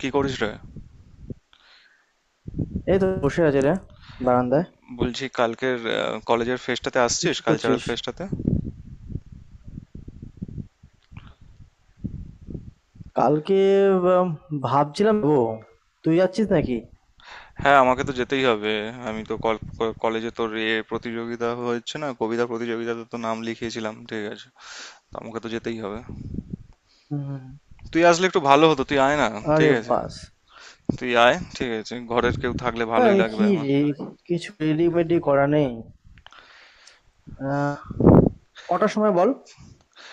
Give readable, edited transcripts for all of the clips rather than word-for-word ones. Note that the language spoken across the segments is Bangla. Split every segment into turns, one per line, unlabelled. কি করিস রে?
এই তো বসে আছি রে বারান্দায়।
বলছি কালকের কলেজের ফেস্টটাতে
তুই
আসছিস,
কি
কালচারাল
করছিস
ফেস্টটাতে?
কালকে? উম, ভাবছিলাম। ও তুই যাচ্ছিস নাকি?
হ্যাঁ, আমাকে তো যেতেই হবে। আমি তো কলেজে তোর এ প্রতিযোগিতা হচ্ছে না, কবিতা প্রতিযোগিতাতে তো নাম লিখিয়েছিলাম, ঠিক আছে? তো আমাকে তো যেতেই হবে।
হুম।
তুই আসলে একটু ভালো হতো, তুই আয় না। ঠিক
আরে
আছে,
বাস,
তুই আয়, ঠিক আছে, ঘরের কেউ থাকলে
ভাই
ভালোই
আমি
লাগবে
কি
আমার।
রে? কিছু রেডিমেডি করা নেই। আহ, কটার সময় বল,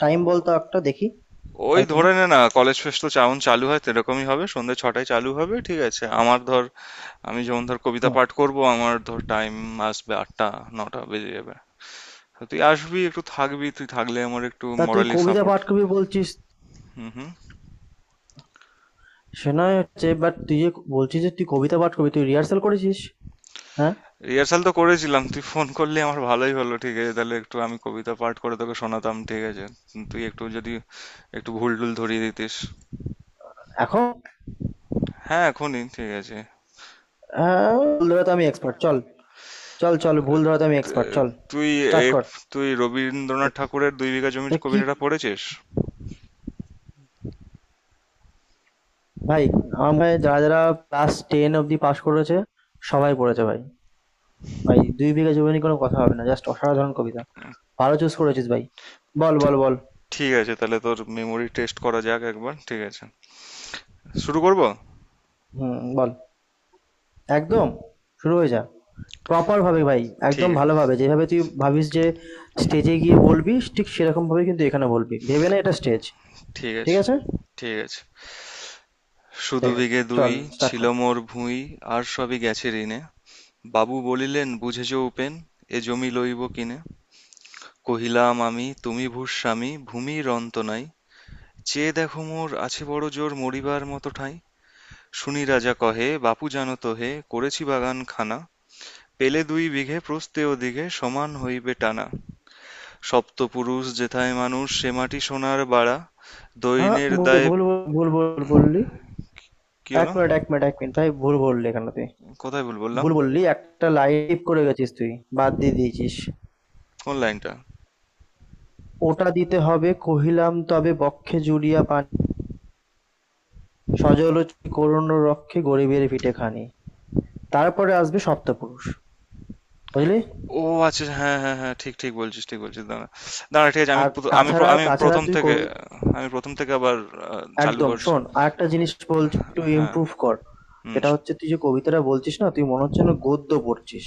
টাইম বল তো একটা, দেখি
ওই
হয় কিনা।
ধরে নে না, কলেজ ফেস্ট তো যেমন চালু হয় সেরকমই হবে, সন্ধ্যে ৬টায় চালু হবে, ঠিক আছে? আমার ধর, আমি যেমন ধর কবিতা
হুম।
পাঠ করব, আমার ধর টাইম আসবে ৮টা, ৯টা বেজে যাবে। তো তুই আসবি, একটু থাকবি, তুই থাকলে আমার একটু
তা তুই
মরালি
কবিতা
সাপোর্ট।
পাঠ করবি বলছিস?
হুম, হুম।
সে নয় হচ্ছে, বাট তুই যে বলছিস যে তুই কবিতা পাঠ করবি, তুই রিহার্সাল করেছিস? হ্যাঁ।
রিহার্সাল তো করেছিলাম, তুই ফোন করলি আমার ভালোই হলো, ঠিক আছে, তাহলে একটু আমি কবিতা পাঠ করে তোকে শোনাতাম, ঠিক আছে? তুই একটু যদি একটু ভুল টুল ধরিয়ে দিতিস।
এখন?
হ্যাঁ, এখনই, ঠিক আছে।
হ্যাঁ, ভুল ধরাতে আমি এক্সপার্ট। চল, চল চল, ভুল ধরাতে আমি এক্সপার্ট।
তে-
চল
তুই
স্টার্ট কর।
তুই রবীন্দ্রনাথ
দেখ-
ঠাকুরের দুই বিঘা জমির
দেখ কি,
কবিতাটা পড়েছিস?
ভাই, আমার মনে হয় যারা, যারা ক্লাস 10 অব্দি পাস করেছে, সবাই পড়েছে ভাই। ভাই, 'দুই বিঘা জমি' নিয়ে কোনো কথা হবে না। জাস্ট অসাধারণ কবিতা। ভালো চুজ করেছিস ভাই। বল, বল,
ঠি-
বল।
ঠিক আছে, তাহলে তোর মেমোরি টেস্ট করা যাক একবার, ঠিক আছে? শুরু করব?
হুম, বল। একদম, শুরু হয়ে যা। প্রপার ভাবে ভাই,
ঠিক
একদম
আ-
ভালোভাবে। যেভাবে তুই ভাবিস যে স্টেজে গিয়ে বলবি, ঠিক সেরকম ভাবে কিন্তু এখানে বলবি। ভেবে না এটা স্টেজ।
ঠিক
ঠিক
আছে,
আছে?
ঠিক আছে। শুধু
ঠিক আছে।
বিঘে দুই
চল স্টার্ট
ছিল
কর।
মোর ভুঁই, আর সবই গেছে ঋণে। বাবু বলিলেন, বুঝেছ উপেন, এ জমি লইব কিনে? কহিলাম আমি, তুমি ভূস্বামী, ভূমির অন্ত নাই, চেয়ে দেখো মোর আছে বড় জোর মরিবার মত ঠাঁই। শুনি রাজা কহে, বাপু জানো তো হে, করেছি বাগানখানা, পেলে দুই বিঘে প্রস্থে ওদিঘে সমান হইবে টানা। সপ্তপুরুষ যেথায় মানুষ সে মাটি সোনার বাড়া,
আ
দৈন্যের
ভুল,
দায়ে।
ভুল, ভুল, ভুল বললি।
কি
১
হলো?
Minute, ১ minute, ১ minute. ভাই, ভুল বললি এখানে তুই।
কোথায় ভুল বললাম?
ভুল বললি, একটা লাইভ করে গেছিস তুই, বাদ দিয়ে দিয়েছিস।
কোন লাইনটা?
ওটা দিতে হবে, কহিলাম তবে বক্ষে জুড়িয়া পান, সজল করুণ রক্ষে গরিবের পিঠে খানি। তারপরে আসবে সপ্তপুরুষ, বুঝলি?
ও আচ্ছা, হ্যাঁ, হ্যাঁ, হ্যাঁ। ঠিক, ঠিক বলছিস, ঠিক বলছিস। দাঁড়া। দাঁড়া, ঠিক আছে, আমি
আর
প্রথ আমি প্র
তাছাড়া
আমি
তাছাড়া
১ম
তুই
থেকে
কবি।
আমি ১ম থেকে আবার আ চালু
একদম
করছি।
শোন, আর একটা জিনিস বলছি, একটু
হ্যাঁ,
ইমপ্রুভ কর।
হুম।
সেটা হচ্ছে, তুই যে কবিতাটা বলছিস না, তুই মনে হচ্ছে না গদ্য পড়ছিস?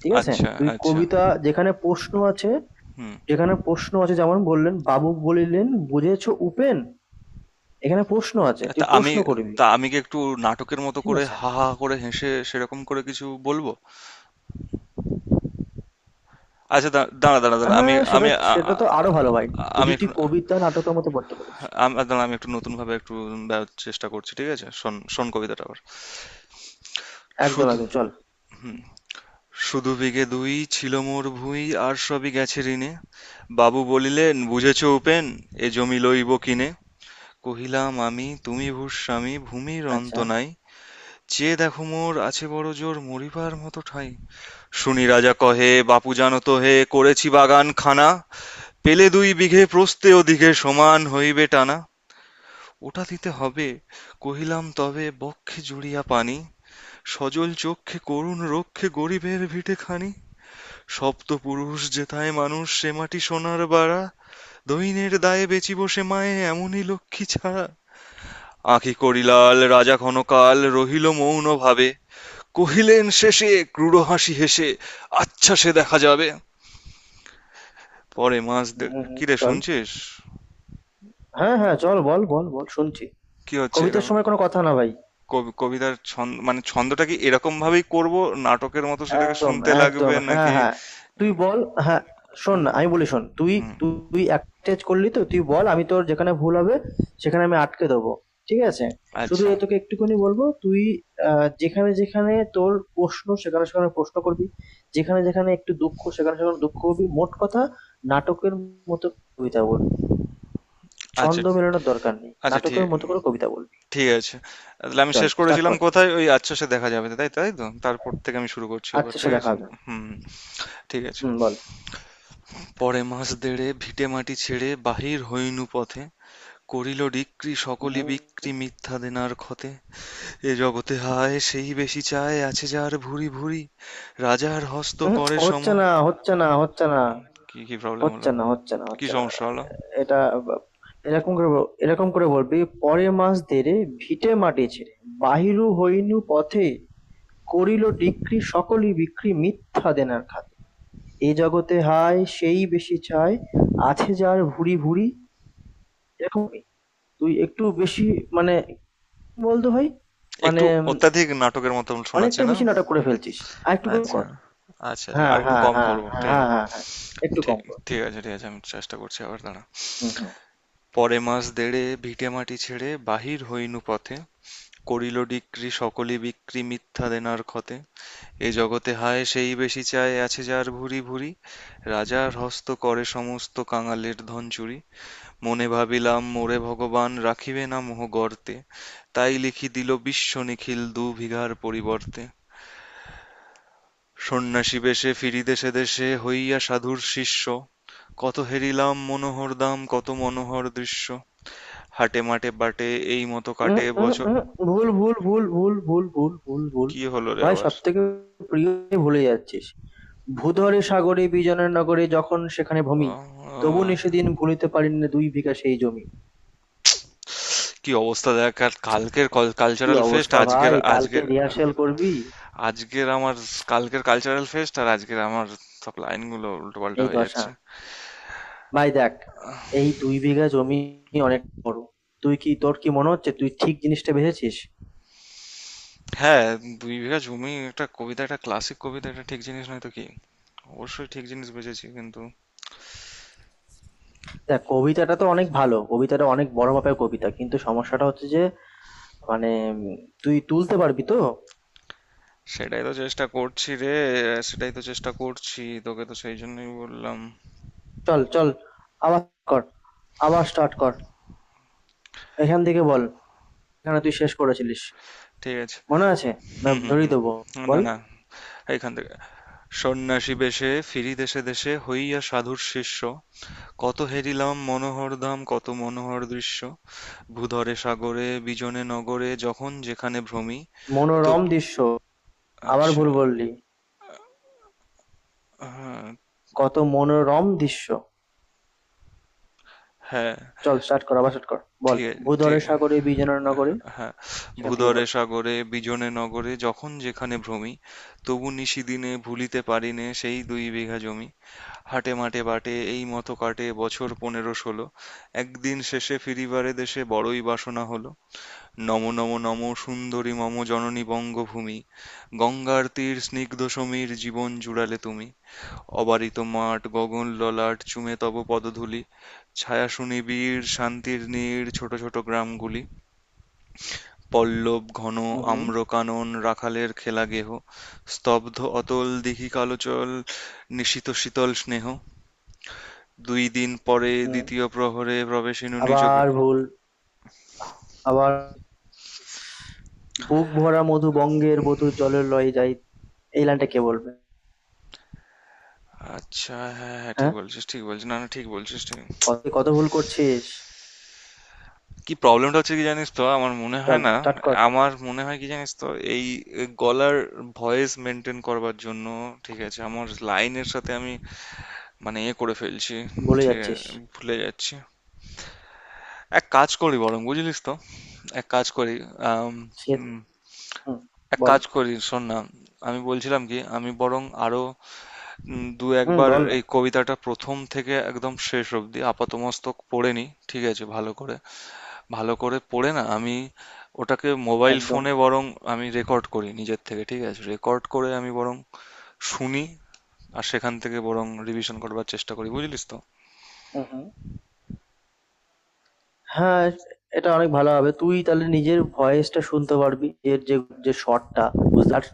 ঠিক আছে,
আচ্ছা,
তুই
আচ্ছা।
কবিতা যেখানে প্রশ্ন আছে,
হুম।
যেখানে প্রশ্ন আছে, যেমন বললেন বাবু বলিলেন বুঝেছো উপেন, এখানে প্রশ্ন আছে,
তা
তুই
আমি
প্রশ্ন করবি।
তা আমি কি একটু নাটকের মতো
ঠিক
করে
আছে।
হা, হা করে হেসে সেরকম করে কিছু বলবো? আচ্ছা, দাঁড়া, দাঁড়া, দাঁড়া। আমি
হ্যাঁ সেটা,
আমি আ
সেটা
আ
তো আরো ভালো ভাই,
আমি
যদি
একটু
তুই কবিতা নাটকের মতো পড়তে পারিস।
আ দাঁড়া, আমি একটু নতুনভাবে একটু দেওয়ার চেষ্টা করছি। ঠিক আছে? শোন, শোন কবিতাটা আবার।
একদম
শুধু,
একদম চল।
হুম। শুধু বিঘে দুই ছিল মোর ভুঁই, আর সবই গেছে ঋণে। বাবু বলিলেন, বুঝেছ উপেন, এ জমি লইব কিনে। কহিলাম আমি তুমি ভূস্বামী, ভূমির অন্ত
আচ্ছা।
নাই। চেয়ে দেখো মোর আছে বড় জোর মরিবার মত ঠাই। শুনি রাজা কহে, বাপু জানো তো হে, করেছি বাগান খানা। পেলে দুই বিঘে প্রস্থে ওদিঘে সমান হইবে টানা। ওটা দিতে হবে, কহিলাম তবে বক্ষে জুড়িয়া পানি। সজল চক্ষে করুণ রক্ষে গরিবের ভিটে খানি। সপ্তপুরুষ যেথায় মানুষ সে মাটি সোনার বাড়া, দৈন্যের দায়ে বেচিব সে মায়ে এমনই লক্ষ্মী ছাড়া। আঁখি করিলাল রাজা ক্ষণকাল রহিল মৌন ভাবে, কহিলেন শেষে ক্রূর হাসি হেসে, আচ্ছা সে দেখা যাবে পরে মাস।
হুম হুম
কি রে,
চল।
শুনছিস?
হ্যাঁ হ্যাঁ চল, বল বল বল, শুনছি।
কি হচ্ছে
কবিতার
এরকম?
সময় কোনো কথা না ভাই।
কবিতার ছন্দ মানে ছন্দটা কি এরকম ভাবেই করব? নাটকের মতো সেটাকে
একদম,
শুনতে
একদম।
লাগবে
হ্যাঁ,
নাকি?
হ্যাঁ। তুই বল। হ্যাঁ, শোন
হুম,
না, আমি বলি শোন। তুই,
হুম,
তুই attach করলি তো? তুই বল, আমি তোর যেখানে ভুল হবে সেখানে আমি আটকে দেবো। ঠিক আছে? শুধু
আচ্ছা,
এ তোকে একটুখানি বলবো, তুই, আ যেখানে, যেখানে তোর প্রশ্ন সেখানে, সেখানে প্রশ্ন করবি। যেখানে, যেখানে একটু দুঃখ সেখানে, সেখানে দুঃখ করবি। মোট কথা নাটকের মতো কবিতা বল।
আচ্ছা,
ছন্দ মেলানোর দরকার নেই।
আচ্ছা, ঠিক,
নাটকের মতো করে কবিতা বলবি।
ঠিক আছে। তাহলে আমি
চল
শেষ
স্টার্ট
করেছিলাম
কর।
কোথায়? ওই "আচ্ছা সে দেখা যাবে।" তাই তাই তো? তারপর থেকে আমি শুরু করছি আবার,
আচ্ছা, সে
ঠিক
দেখা
আছে?
হবে।
হুম, ঠিক আছে।
হুম, বল।
পরে মাস দেড়ে ভিটেমাটি ছেড়ে বাহির হইনু পথে, করিল ডিক্রি সকলি
উহু,
বিক্রি মিথ্যা দেনার ক্ষতে। এ জগতে হায় সেই বেশি চায়, আছে যার ভুরি ভুরি, রাজার হস্ত
উহু,
করে সম।
হচ্ছে না, হচ্ছে না, হচ্ছে না।
কি, কি প্রবলেম হলো?
হচ্ছে না, হচ্ছে না,
কি
হচ্ছে না।
সমস্যা হলো?
এটা বা- এরকম করে বলবি, পরে মাস দেরে, ভিটে মাটি ছেড়ে, বাহিরু হইনু পথে, করিল ডিক্রি সকলই বিক্রি, মিথ্যা দেনার খাতে। এ জগতে হায় সেই বেশি চায়, আছে যার ভুরি ভুরি। এরকমই। তুই একটু বেশি, মানে কি বলতো ভাই, মানে
একটু অত্যাধিক নাটকের মতন শোনাচ্ছে
অনেকটা
না?
বেশি নাটক করে ফেলছিস। আর একটু কম
আচ্ছা,
কর।
আচ্ছা, আচ্ছা।
হ্যাঁ
আরেকটু
হ্যাঁ
কম
হ্যাঁ,
করব। ঠিক
হ্যাঁ হ্যাঁ হ্যাঁ, একটু
ঠিক
কম কর।
ঠিক আছে, ঠিক আছে। আমি চেষ্টা করছি আবার, দাঁড়ান।
হুম হুম।
পরে মাস দেড়ে ভিটেমাটি ছেড়ে বাহির হইনু পথে, করিল ডিক্রি সকলি বিক্রি মিথ্যা দেনার ক্ষতে। এ জগতে হায় সেই বেশি চায়, আছে যার ভুরি ভুরি, রাজার হস্ত করে সমস্ত কাঙালের ধন চুরি। মনে ভাবিলাম মোরে ভগবান রাখিবে না মোহ গর্তে, তাই লিখি দিল বিশ্ব নিখিল দু বিঘার পরিবর্তে। সন্ন্যাসী বেশে ফিরি দেশে দেশে হইয়া সাধুর শিষ্য, কত হেরিলাম মনোহর দাম কত মনোহর দৃশ্য। হাটে মাটে বাটে এই মতো
উম,
কাটে
উম,
বছর।
উম, ভুল ভুল ভুল ভুল ভুল ভুল ভুল ভুল।
কি হলো রে
ভাই
আবার?
সব থেকে প্রিয় ভুলে যাচ্ছিস, ভূধরে সাগরে বিজনের নগরে যখন সেখানে ভূমি, তবু নে
আহ,
সেদিন ভুলিতে পারিনি না দুই বিঘা সেই জমি।
কি অবস্থা দেখ, আর কালকের
কি
কালচারাল ফেস্ট,
অবস্থা
আজকের,
ভাই, কালকে
আজকের,
রিহার্সাল করবি?
আজকের আমার, কালকের কালচারাল ফেস্ট আর আজকের আমার সব লাইনগুলো উল্টোপাল্টা
এই
হয়ে
দশা।
যাচ্ছে।
ভাই দেখ, এই দুই বিঘা জমি অনেক বড়। তুই কি, তোর কি মনে হচ্ছে তুই ঠিক জিনিসটা বেঁচেছিস?
হ্যাঁ, দুই বিঘা জমি একটা কবিতা, একটা ক্লাসিক কবিতা, একটা ঠিক জিনিস নয় তো কি? অবশ্যই ঠিক জিনিস বেঁচেছি, কিন্তু
দেখ, কবিতাটা তো অনেক ভালো, কবিতাটা অনেক বড় মাপের কবিতা, কিন্তু সমস্যাটা হচ্ছে যে, মানে, উম, তুই তুলতে পারবি তো?
সেটাই তো চেষ্টা করছি রে। সেটাই তো চেষ্টা করছি, তোকে তো সেই জন্যই বললাম।
চল চল, আবার কর, আবার স্টার্ট কর। এখান থেকে বল, এখানে তুই শেষ করেছিলিস,
ঠিক আছে,
মনে আছে? না,
হুম, হুম,
ধরিয়ে
হুম,
দেবো।
না,
বল।
না। এইখান থেকে। সন্ন্যাসীবেশে ফিরি দেশে দেশে হইয়া সাধুর শিষ্য, কত হেরিলাম মনোহরধাম কত মনোহর দৃশ্য, ভূধরে সাগরে বিজনে নগরে যখন যেখানে ভ্রমি। তো
মনোরম দৃশ্য। আবার
আচ্ছা,
ভুল বললি।
হ্যাঁ,
কত মনোরম দৃশ্য।
হ্যাঁ,
চল স্টার্ট কর, আবার স্টার্ট কর, বল।
ঠিক আছে, ঠিক আছে,
ভূধরে সাগরে বিজনের নগরে,
হ্যাঁ।
সেখান থেকে
ভূধরে
বল।
সাগরে বিজনে নগরে যখন যেখানে ভ্রমি, তবু নিশিদিনে ভুলিতে পারিনে সেই দুই বিঘা জমি। হাটে মাঠে বাটে এই মতো কাটে বছর ১৫-১৬। একদিন শেষে ফিরিবারে দেশে বড়ই বাসনা হলো। নমো নমো নমো সুন্দরী মম জননী বঙ্গভূমি, গঙ্গার তীর স্নিগ্ধ সমীর জীবন জুড়ালে তুমি। অবারিত মাঠ গগন ললাট চুমে তব পদধূলি, ছায়া সুনিবিড় শান্তির নীড় ছোট ছোট গ্রামগুলি। পল্লব ঘন
হুম হুম,
আম্র কানন রাখালের খেলা গেহ, স্তব্ধ অতল দিঘি কালোচল নিশীত শীতল স্নেহ। দুই দিন পরে
হুম।
দ্বিতীয় প্রহরে প্রবেশিনু নিজ
আবার ভুল, আবার। বুক ভরা মধু বঙ্গের বধু জলের লয়ে যাই, এই লাইনটা কে বলবে?
আচ্ছা, হ্যাঁ, হ্যাঁ, ঠিক
হ্যাঁ।
বলছিস, ঠিক বলছিস, না, না, ঠিক বলছিস, ঠিক।
কত কত ভুল করছিস।
কি প্রবলেমটা হচ্ছে কি জানিস তো, আমার মনে হয়
চল
না,
স্টার্ট কর।
আমার মনে হয় কি জানিস তো, এই, এ, গলার ভয়েস মেনটেন করবার জন্য ঠিক আছে আমার লাইনের সাথে আমি মানে এ করে ফেলছি।
ভুলে
ঠিক
যাচ্ছিস।
আছে, ভুলে যাচ্ছি। এক কাজ করি বরং, বুঝলিস তো? এক কাজ করি আম,
সে,
হুম,
হুম,
এক
বল।
কাজ করি, শোন না। আমি বলছিলাম কি, আমি বরং আরো দু
হুম,
একবার
বল না।
এই কবিতাটা প্রথম থেকে একদম শেষ অবধি আপাতমস্তক পড়ে নি, ঠিক আছে, ভালো করে, ভালো করে পড়ে না, আমি ওটাকে মোবাইল
একদম।
ফোনে বরং আমি রেকর্ড করি নিজের থেকে, ঠিক আছে, রেকর্ড করে আমি বরং শুনি, আর সেখান থেকে বরং রিভিশন করবার চেষ্টা করি, বুঝলিস তো?
হুম, হুম। হ্যাঁ, এটা অনেক ভালো হবে। তুই তাহলে নিজের ভয়েসটা শুনতে পারবি। এর যে, যে স্বরটা, বুঝলি? আর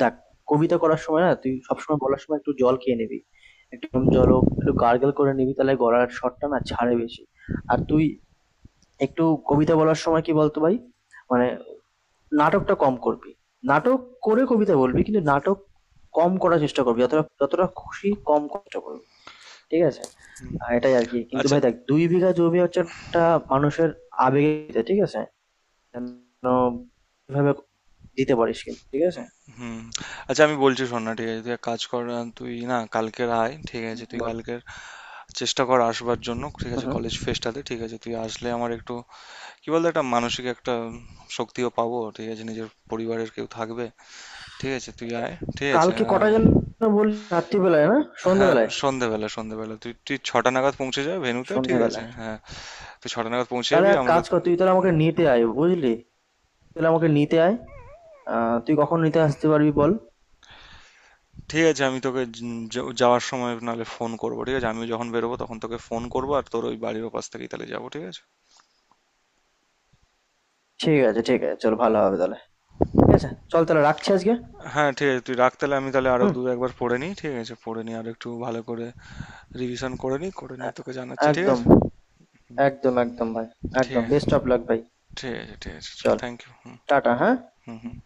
দেখ, কবিতা করার সময় না তুই সবসময় বলার সময় একটু জল খেয়ে নিবি। একটু গরম জল হোক, একটু গার্গল করে নিবি, তাহলে গলার স্বরটা না ছাড়ে বেশি। আর তুই একটু কবিতা বলার সময় কি বলতো ভাই? মানে নাটকটা কম করবি। নাটক করে কবিতা বলবি কিন্তু নাটক কম করার চেষ্টা করবি। যতটা যতটা খুশি কম কষ্ট করবি। ঠিক আছে? এটাই আরকি। কিন্তু
আচ্ছা,
ভাই দেখ, ২ বিঘা জমি হচ্ছে একটা মানুষের আবেগে দিতে, ঠিক আছে? যেন এভাবে দিতে পারিস কিন্তু, ঠিক আছে?
হুম, আচ্ছা, আমি বলছি শোন না, ঠিক আছে, তুই এক কাজ কর, তুই না কালকের আয়, ঠিক
হুম,
আছে, তুই
বল।
কালকের চেষ্টা কর আসবার জন্য, ঠিক
হু,
আছে,
হু।
কলেজ ফেস্টাতে, ঠিক আছে, তুই আসলে আমার একটু কি বলতো, একটা মানসিক একটা শক্তিও পাবো, ঠিক আছে, নিজের পরিবারের কেউ থাকবে, ঠিক আছে, তুই আয়, ঠিক আছে।
কালকে
আর
কটায় যেন বললি, রাত্রিবেলায় না?
হ্যাঁ,
সন্ধ্যাবেলায়?
সন্ধেবেলা, সন্ধেবেলা, তুই তুই ৬টা নাগাদ পৌঁছে যা ভেন্যুতে, ঠিক আছে,
সন্ধ্যাবেলায়।
হ্যাঁ। তুই ছটা নাগাদ পৌঁছে
তাহলে
যাবি
এক
আমরা,
কাজ কর, তুই তাহলে আমাকে নিতে আয় বুঝলি? তাহলে আমাকে নিতে আয়। আ তুই কখন নিতে আসতে পারবি বল?
ঠিক আছে। আমি তোকে যাওয়ার সময় নাহলে ফোন করবো, ঠিক আছে, আমিও যখন বেরোবো তখন তোকে ফোন করবো, আর তোর ওই বাড়ির ওপাশ থেকেই তাহলে যাবো, ঠিক আছে।
ঠিক আছে, ঠিক আছে। চল ভালো হবে তাহলে। ঠিক আছে? চল তাহলে রাখছি আজকে।
হ্যাঁ, ঠিক আছে, তুই রাখ তাহলে, আমি তাহলে আরো
হুম?
দু একবার পড়ে নিই, ঠিক আছে, পড়ে নিই আর একটু ভালো করে রিভিশন করে নিই, করে
এ
নিয়ে তোকে জানাচ্ছি, ঠিক
একদম,
আছে,
একদম, একদম ভাই।
ঠিক
একদম
আছে,
বেস্ট অফ লাক ভাই।
ঠিক আছে, ঠিক আছে।
চল।
Thank you. হুম,
টাটা, হ্যাঁ?
হুম, হুম।